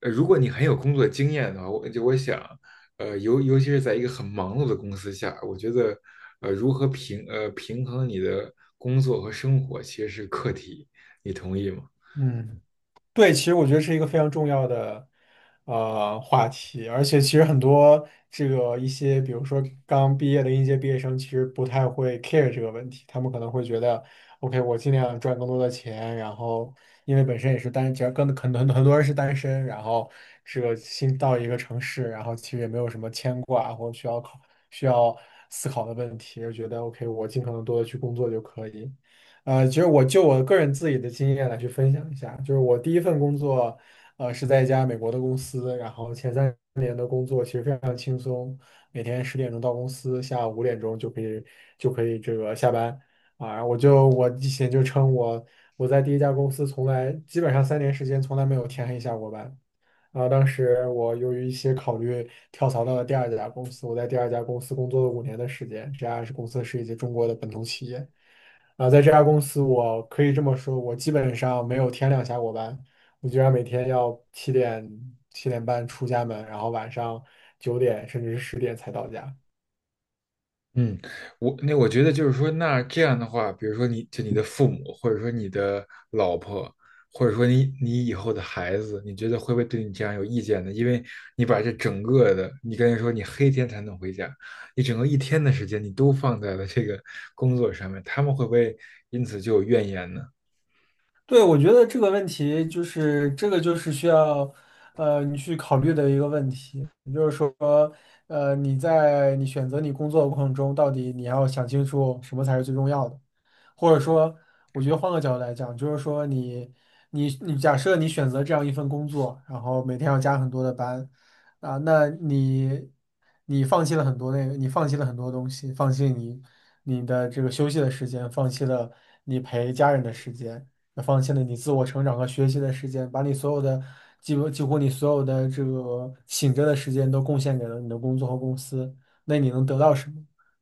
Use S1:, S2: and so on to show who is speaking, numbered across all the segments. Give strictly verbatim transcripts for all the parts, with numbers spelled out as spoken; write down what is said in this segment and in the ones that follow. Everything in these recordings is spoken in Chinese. S1: 呃，如果你很有工作经验的话，我就我想，呃，尤尤其是在一个很忙碌的公司下，我觉得，呃，如何平呃平衡你的工作和生活，其实是课题，你同意吗？
S2: 嗯，对，其实我觉得是一个非常重要的呃话题，而且其实很多这个一些，比如说刚毕业的应届毕业生，其实不太会 care 这个问题，他们可能会觉得，OK，我尽量赚更多的钱，然后因为本身也是单，只要跟很多很多人是单身，然后这个新到一个城市，然后其实也没有什么牵挂或需要考需要思考的问题，就觉得 OK，我尽可能多的去工作就可以。呃，其实我就我个人自己的经验来去分享一下，就是我第一份工作，呃，是在一家美国的公司，然后前三年的工作其实非常轻松，每天十点钟到公司，下午五点钟就可以就可以这个下班啊。我就我以前就称我我在第一家公司从来基本上三年时间从来没有天黑下过班，然后当时我由于一些考虑跳槽到了第二家公司，我在第二家公司工作了五年的时间。这家是公司是一家中国的本土企业，啊，在这家公司我可以这么说，我基本上没有天亮下过班，我居然每天要七点七点半出家门，然后晚上九点甚至是十点才到家。
S1: 嗯，我那我觉得就是说，那这样的话，比如说你就你的父母，或者说你的老婆，或者说你你以后的孩子，你觉得会不会对你这样有意见呢？因为你把这整个的，你刚才说你黑天才能回家，你整个一天的时间你都放在了这个工作上面，他们会不会因此就有怨言呢？
S2: 对，我觉得这个问题就是这个就是需要，呃，你去考虑的一个问题，也就是说，呃，你在你选择你工作的过程中，到底你要想清楚什么才是最重要的，或者说，我觉得换个角度来讲，就是说你你你假设你选择这样一份工作，然后每天要加很多的班，啊，那你你放弃了很多那个，你放弃了很多东西，放弃你你的这个休息的时间，放弃了你陪家人的时间。那放弃了你自我成长和学习的时间，把你所有的几乎几乎你所有的这个醒着的时间都贡献给了你的工作和公司，那你能得到什么？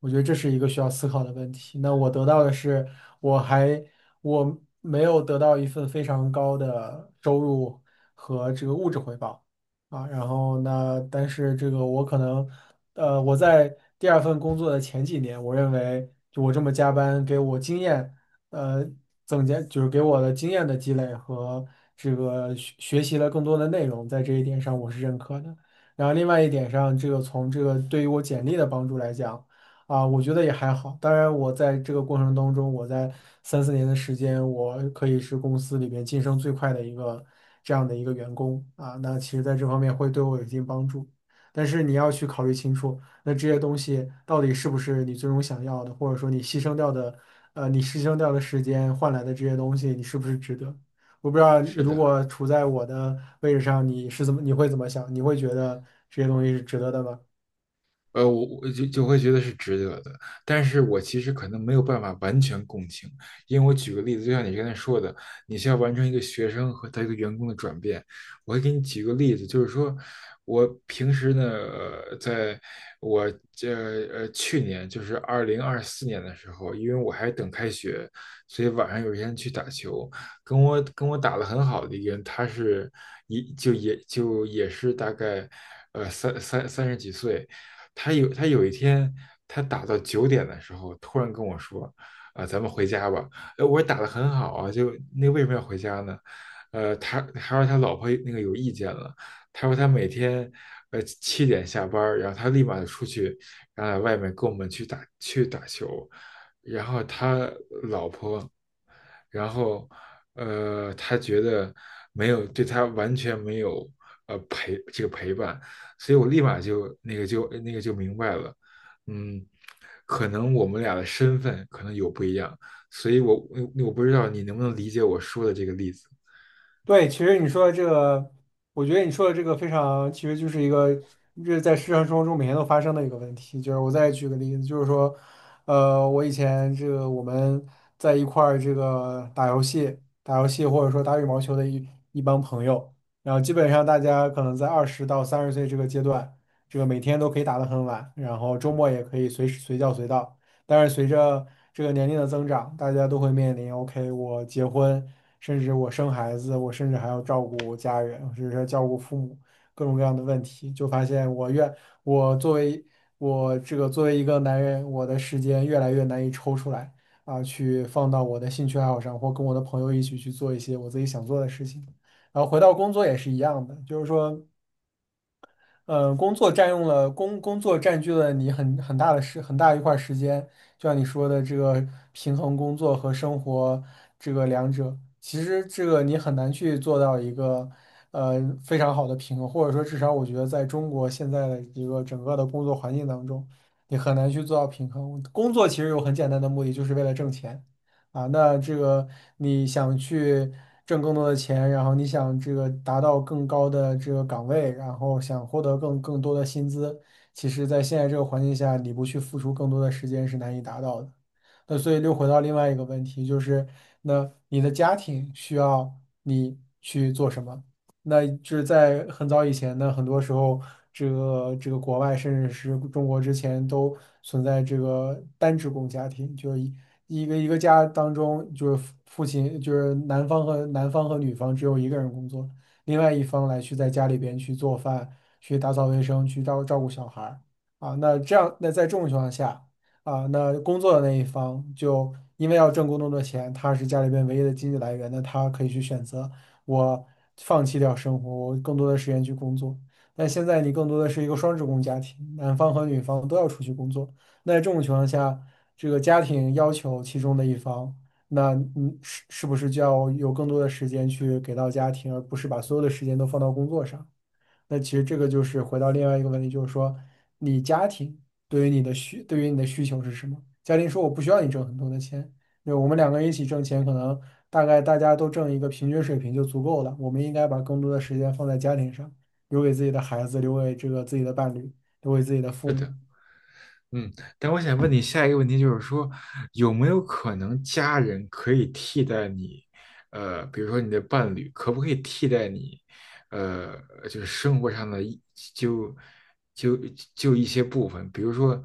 S2: 我觉得这是一个需要思考的问题。那我得到的是，我还我没有得到一份非常高的收入和这个物质回报啊。然后那但是这个我可能，呃，我在第二份工作的前几年，我认为就我这么加班给我经验。呃增加，就是给我的经验的积累和这个学学习了更多的内容，在这一点上我是认可的。然后另外一点上，这个从这个对于我简历的帮助来讲，啊，我觉得也还好。当然，我在这个过程当中，我在三四年的时间，我可以是公司里边晋升最快的一个这样的一个员工啊。那其实在这方面会对我有一定帮助，但是你要去考虑清楚。那这些东西到底是不是你最终想要的，或者说你牺牲掉的，呃，你牺牲掉的时间换来的这些东西，你是不是值得？我不知道，
S1: 是
S2: 如
S1: 的。
S2: 果处在我的位置上，你是怎么，你会怎么想？你会觉得这些东西是值得的吗？
S1: 呃，我我就就会觉得是值得的，但是我其实可能没有办法完全共情，因为我举个例子，就像你刚才说的，你需要完成一个学生和他一个员工的转变。我会给你举个例子，就是说我平时呢，呃在我这呃去年就是二零二四年的时候，因为我还等开学，所以晚上有一天去打球，跟我跟我打得很好的一个人，他是一就也就也是大概呃三三三十几岁。他有他有一天，他打到九点的时候，突然跟我说：“啊、咱们回家吧。”哎，我说打的很好啊，就那为什么要回家呢？呃，他他说他老婆那个有意见了，他说他每天呃七点下班儿，然后他立马就出去，然后在外面跟我们去打去打球，然后他然后，呃，他觉得没有对他完全没有呃陪这个陪伴，所以我立马就那个就那个就明白了。嗯，可能我们俩的身份可能有不一样，所以我我我不知道你能不能理解我说的这个例子。
S2: 对，其实你说的这个，我觉得你说的这个非常，其实就是一个这在日常生活中每天都发生的一个问题。就是我再举个例子，就是说，呃，我以前这个我们在一块儿这个打游戏、打游戏或者说打羽毛球的一一帮朋友，然后基本上大家可能在二十到三十岁这个阶段，这个每天都可以打得很晚，然后周末也可以随时随叫随到。但是随着这个年龄的增长，大家都会面临，OK，我结婚，甚至我生孩子，我甚至还要照顾家人，甚至是照顾父母，各种各样的问题，就发现我越我作为我这个作为一个男人，我的时间越来越难以抽出来啊，去放到我的兴趣爱好上，或跟我的朋友一起去做一些我自己想做的事情。然后回到工作也是一样的，就是说。呃，工作占用了工工作占据了你很很大的时很大一块儿时间，就像你说的，这个平衡工作和生活这个两者，其实这个你很难去做到一个呃非常好的平衡，或者说至少我觉得在中国现在的一个整个的工作环境当中，你很难去做到平衡。工作其实有很简单的目的，就是为了挣钱。啊，那这个你想去挣更多的钱，然后你想这个达到更高的这个岗位，然后想获得更更多的薪资，其实在现在这个环境下，你不去付出更多的时间是难以达到的。那所以又回到另外一个问题，就是那你的家庭需要你去做什么？那就是在很早以前呢，很多时候这个这个国外甚至是中国之前都存在这个单职工家庭，就是一一个一个家当中，就是父父亲，就是男方和男方和女方只有一个人工作，另外一方来去在家里边去做饭、去打扫卫生、去照照顾小孩儿啊。那这样，那在这种情况下啊，那工作的那一方就因为要挣更多的钱，他是家里边唯一的经济来源，那他可以去选择我放弃掉生活，我更多的时间去工作。但现在你更多的是一个双职工家庭，男方和女方都要出去工作。那在这种情况下，这个家庭要求其中的一方，那嗯是是不是就要有更多的时间去给到家庭，而不是把所有的时间都放到工作上？那其实这个就是回到另外一个问题，就是说你家庭对于你的需对于你的需求是什么？家庭说我不需要你挣很多的钱，那我们两个人一起挣钱，可能大概大家都挣一个平均水平就足够了。我们应该把更多的时间放在家庭上，留给自己的孩子，留给这个自己的伴侣，留给自己的
S1: 是
S2: 父
S1: 的。
S2: 母。
S1: 嗯，但我想问你下一个问题，就是说，有没有可能家人可以替代你？呃，比如说你的伴侣，可不可以替代你？呃，就是生活上的一就就就一些部分，比如说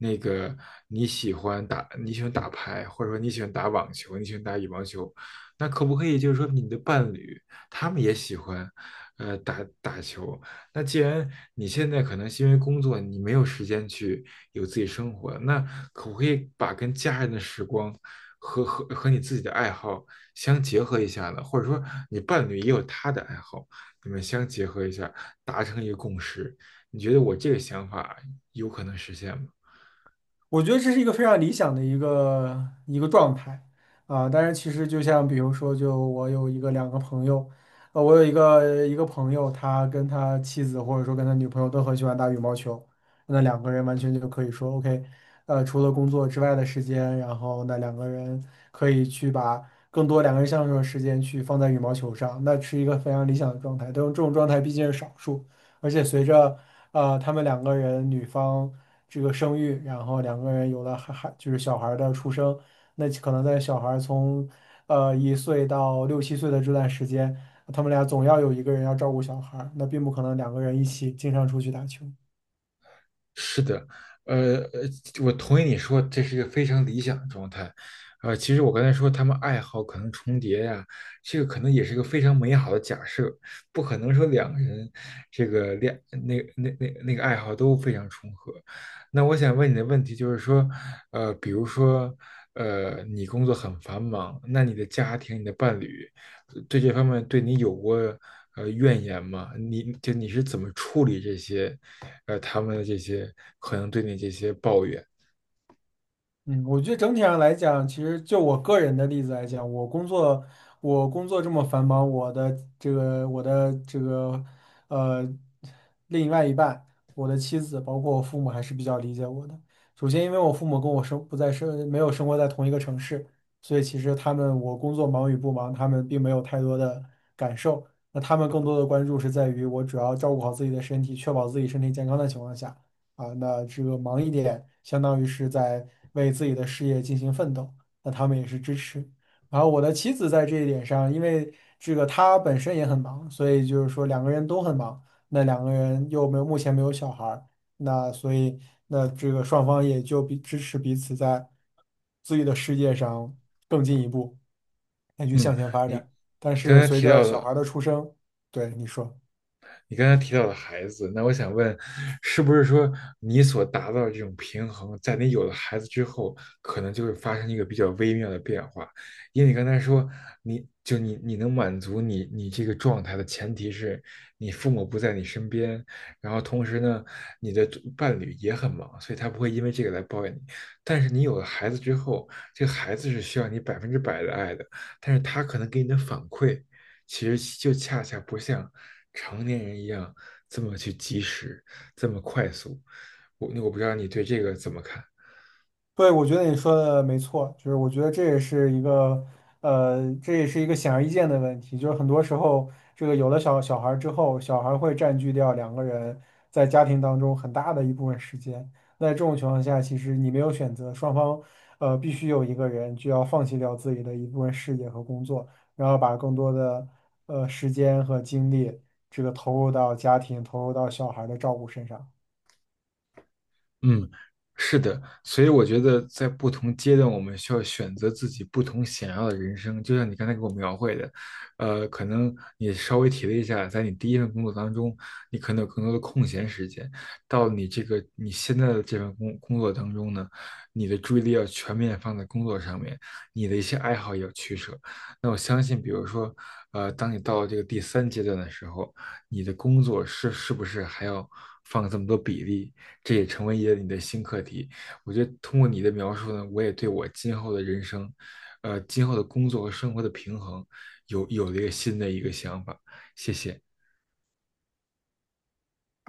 S1: 那个你喜欢打你喜欢打牌，或者说你喜欢打网球，你喜欢打羽毛球，那可不可以就是说你的伴侣他们也喜欢呃打打球？那既然你现在可能是因为工作你没有时间去。有自己生活。那可不可以把跟家人的时光和和和你自己的爱好相结合一下呢？或者说，你伴侣也有他的爱好，你们相结合一下，达成一个共识？你觉得我这个想法有可能实现吗？
S2: 我觉得这是一个非常理想的一个一个状态啊，但是其实就像比如说，就我有一个两个朋友，呃，我有一个一个朋友，他跟他妻子或者说跟他女朋友都很喜欢打羽毛球，那两个人完全就可以说 OK，呃，除了工作之外的时间，然后那两个人可以去把更多两个人相处的时间去放在羽毛球上，那是一个非常理想的状态，但这种状态毕竟是少数，而且随着呃，他们两个人女方这个生育，然后两个人有了孩孩，就是小孩儿的出生，那可能在小孩儿从呃一岁到六七岁的这段时间，他们俩总要有一个人要照顾小孩儿那并不可能两个人一起经常出去打球。
S1: 是的。呃，呃我同意你说这是一个非常理想的状态。呃，其实我刚才说他们爱好可能重叠呀、这个可能也是一个非常美好的假设，不可能说两个人这个恋那那那那个爱好都非常重合。那我想问你的问题就是说，呃，比如说，呃，你工作很繁忙，那你的家庭、你的伴侣对这方面对你有过呃怨言吗？你就你是怎么处理这些，呃，他们的这些可能对你这些抱怨？
S2: 嗯，我觉得整体上来讲，其实就我个人的例子来讲，我工作我工作这么繁忙，我的这个我的这个呃另外一半，我的妻子，包括我父母还是比较理解我的。首先，因为我父母跟我生不在生没有生活在同一个城市，所以其实他们我工作忙与不忙，他们并没有太多的感受。那他们更多的关注是在于我主要照顾好自己的身体，确保自己身体健康的情况下。啊，那这个忙一点，相当于是在为自己的事业进行奋斗，那他们也是支持。然后我的妻子在这一点上，因为这个她本身也很忙，所以就是说两个人都很忙，那两个人又没有目前没有小孩儿，那所以那这个双方也就彼支持彼此在自己的世界上更进一步，那去
S1: 嗯，
S2: 向前发
S1: 你
S2: 展。但
S1: 你刚
S2: 是
S1: 才
S2: 随
S1: 提
S2: 着
S1: 到
S2: 小
S1: 的，
S2: 孩儿的出生，对你说。
S1: 你刚才提到的孩子，那我想问，是不是说你所达到的这种平衡，在你有了孩子之后，可能就会发生一个比较微妙的变化？因为你刚才说，你就你你能满足你你这个状态的前提是你父母不在你身边，然后同时呢，你的伴侣也很忙，所以他不会因为这个来抱怨你。但是你有了孩子之后，这个孩子是需要你百分之百的爱的，但是他可能给你的反馈，其实就恰恰不像成年人一样这么去及时，这么快速。我我不知道你对这个怎么看？
S2: 对，我觉得你说的没错，就是我觉得这也是一个，呃，这也是一个显而易见的问题，就是很多时候，这个有了小小孩儿之后，小孩儿会占据掉两个人在家庭当中很大的一部分时间。那这种情况下，其实你没有选择，双方，呃，必须有一个人就要放弃掉自己的一部分事业和工作，然后把更多的，呃，时间和精力，这个投入到家庭，投入到小孩儿的照顾身上。
S1: 嗯，是的，所以我觉得在不同阶段，我们需要选择自己不同想要的人生。就像你刚才给我描绘的，呃，可能你稍微提了一下，在你第一份工作当中，你可能有更多的空闲时间；到你这个你现在的这份工工作当中呢，你的注意力要全面放在工作上面，你的一些爱好也要取舍。那我相信，比如说，呃，当你到了这个第三阶段的时候，你的工作是是不是还要放这么多比例？这也成为一个你的新课题。我觉得通过你的描述呢，我也对我今后的人生，呃，今后的工作和生活的平衡有有了一个新的一个想法。谢谢。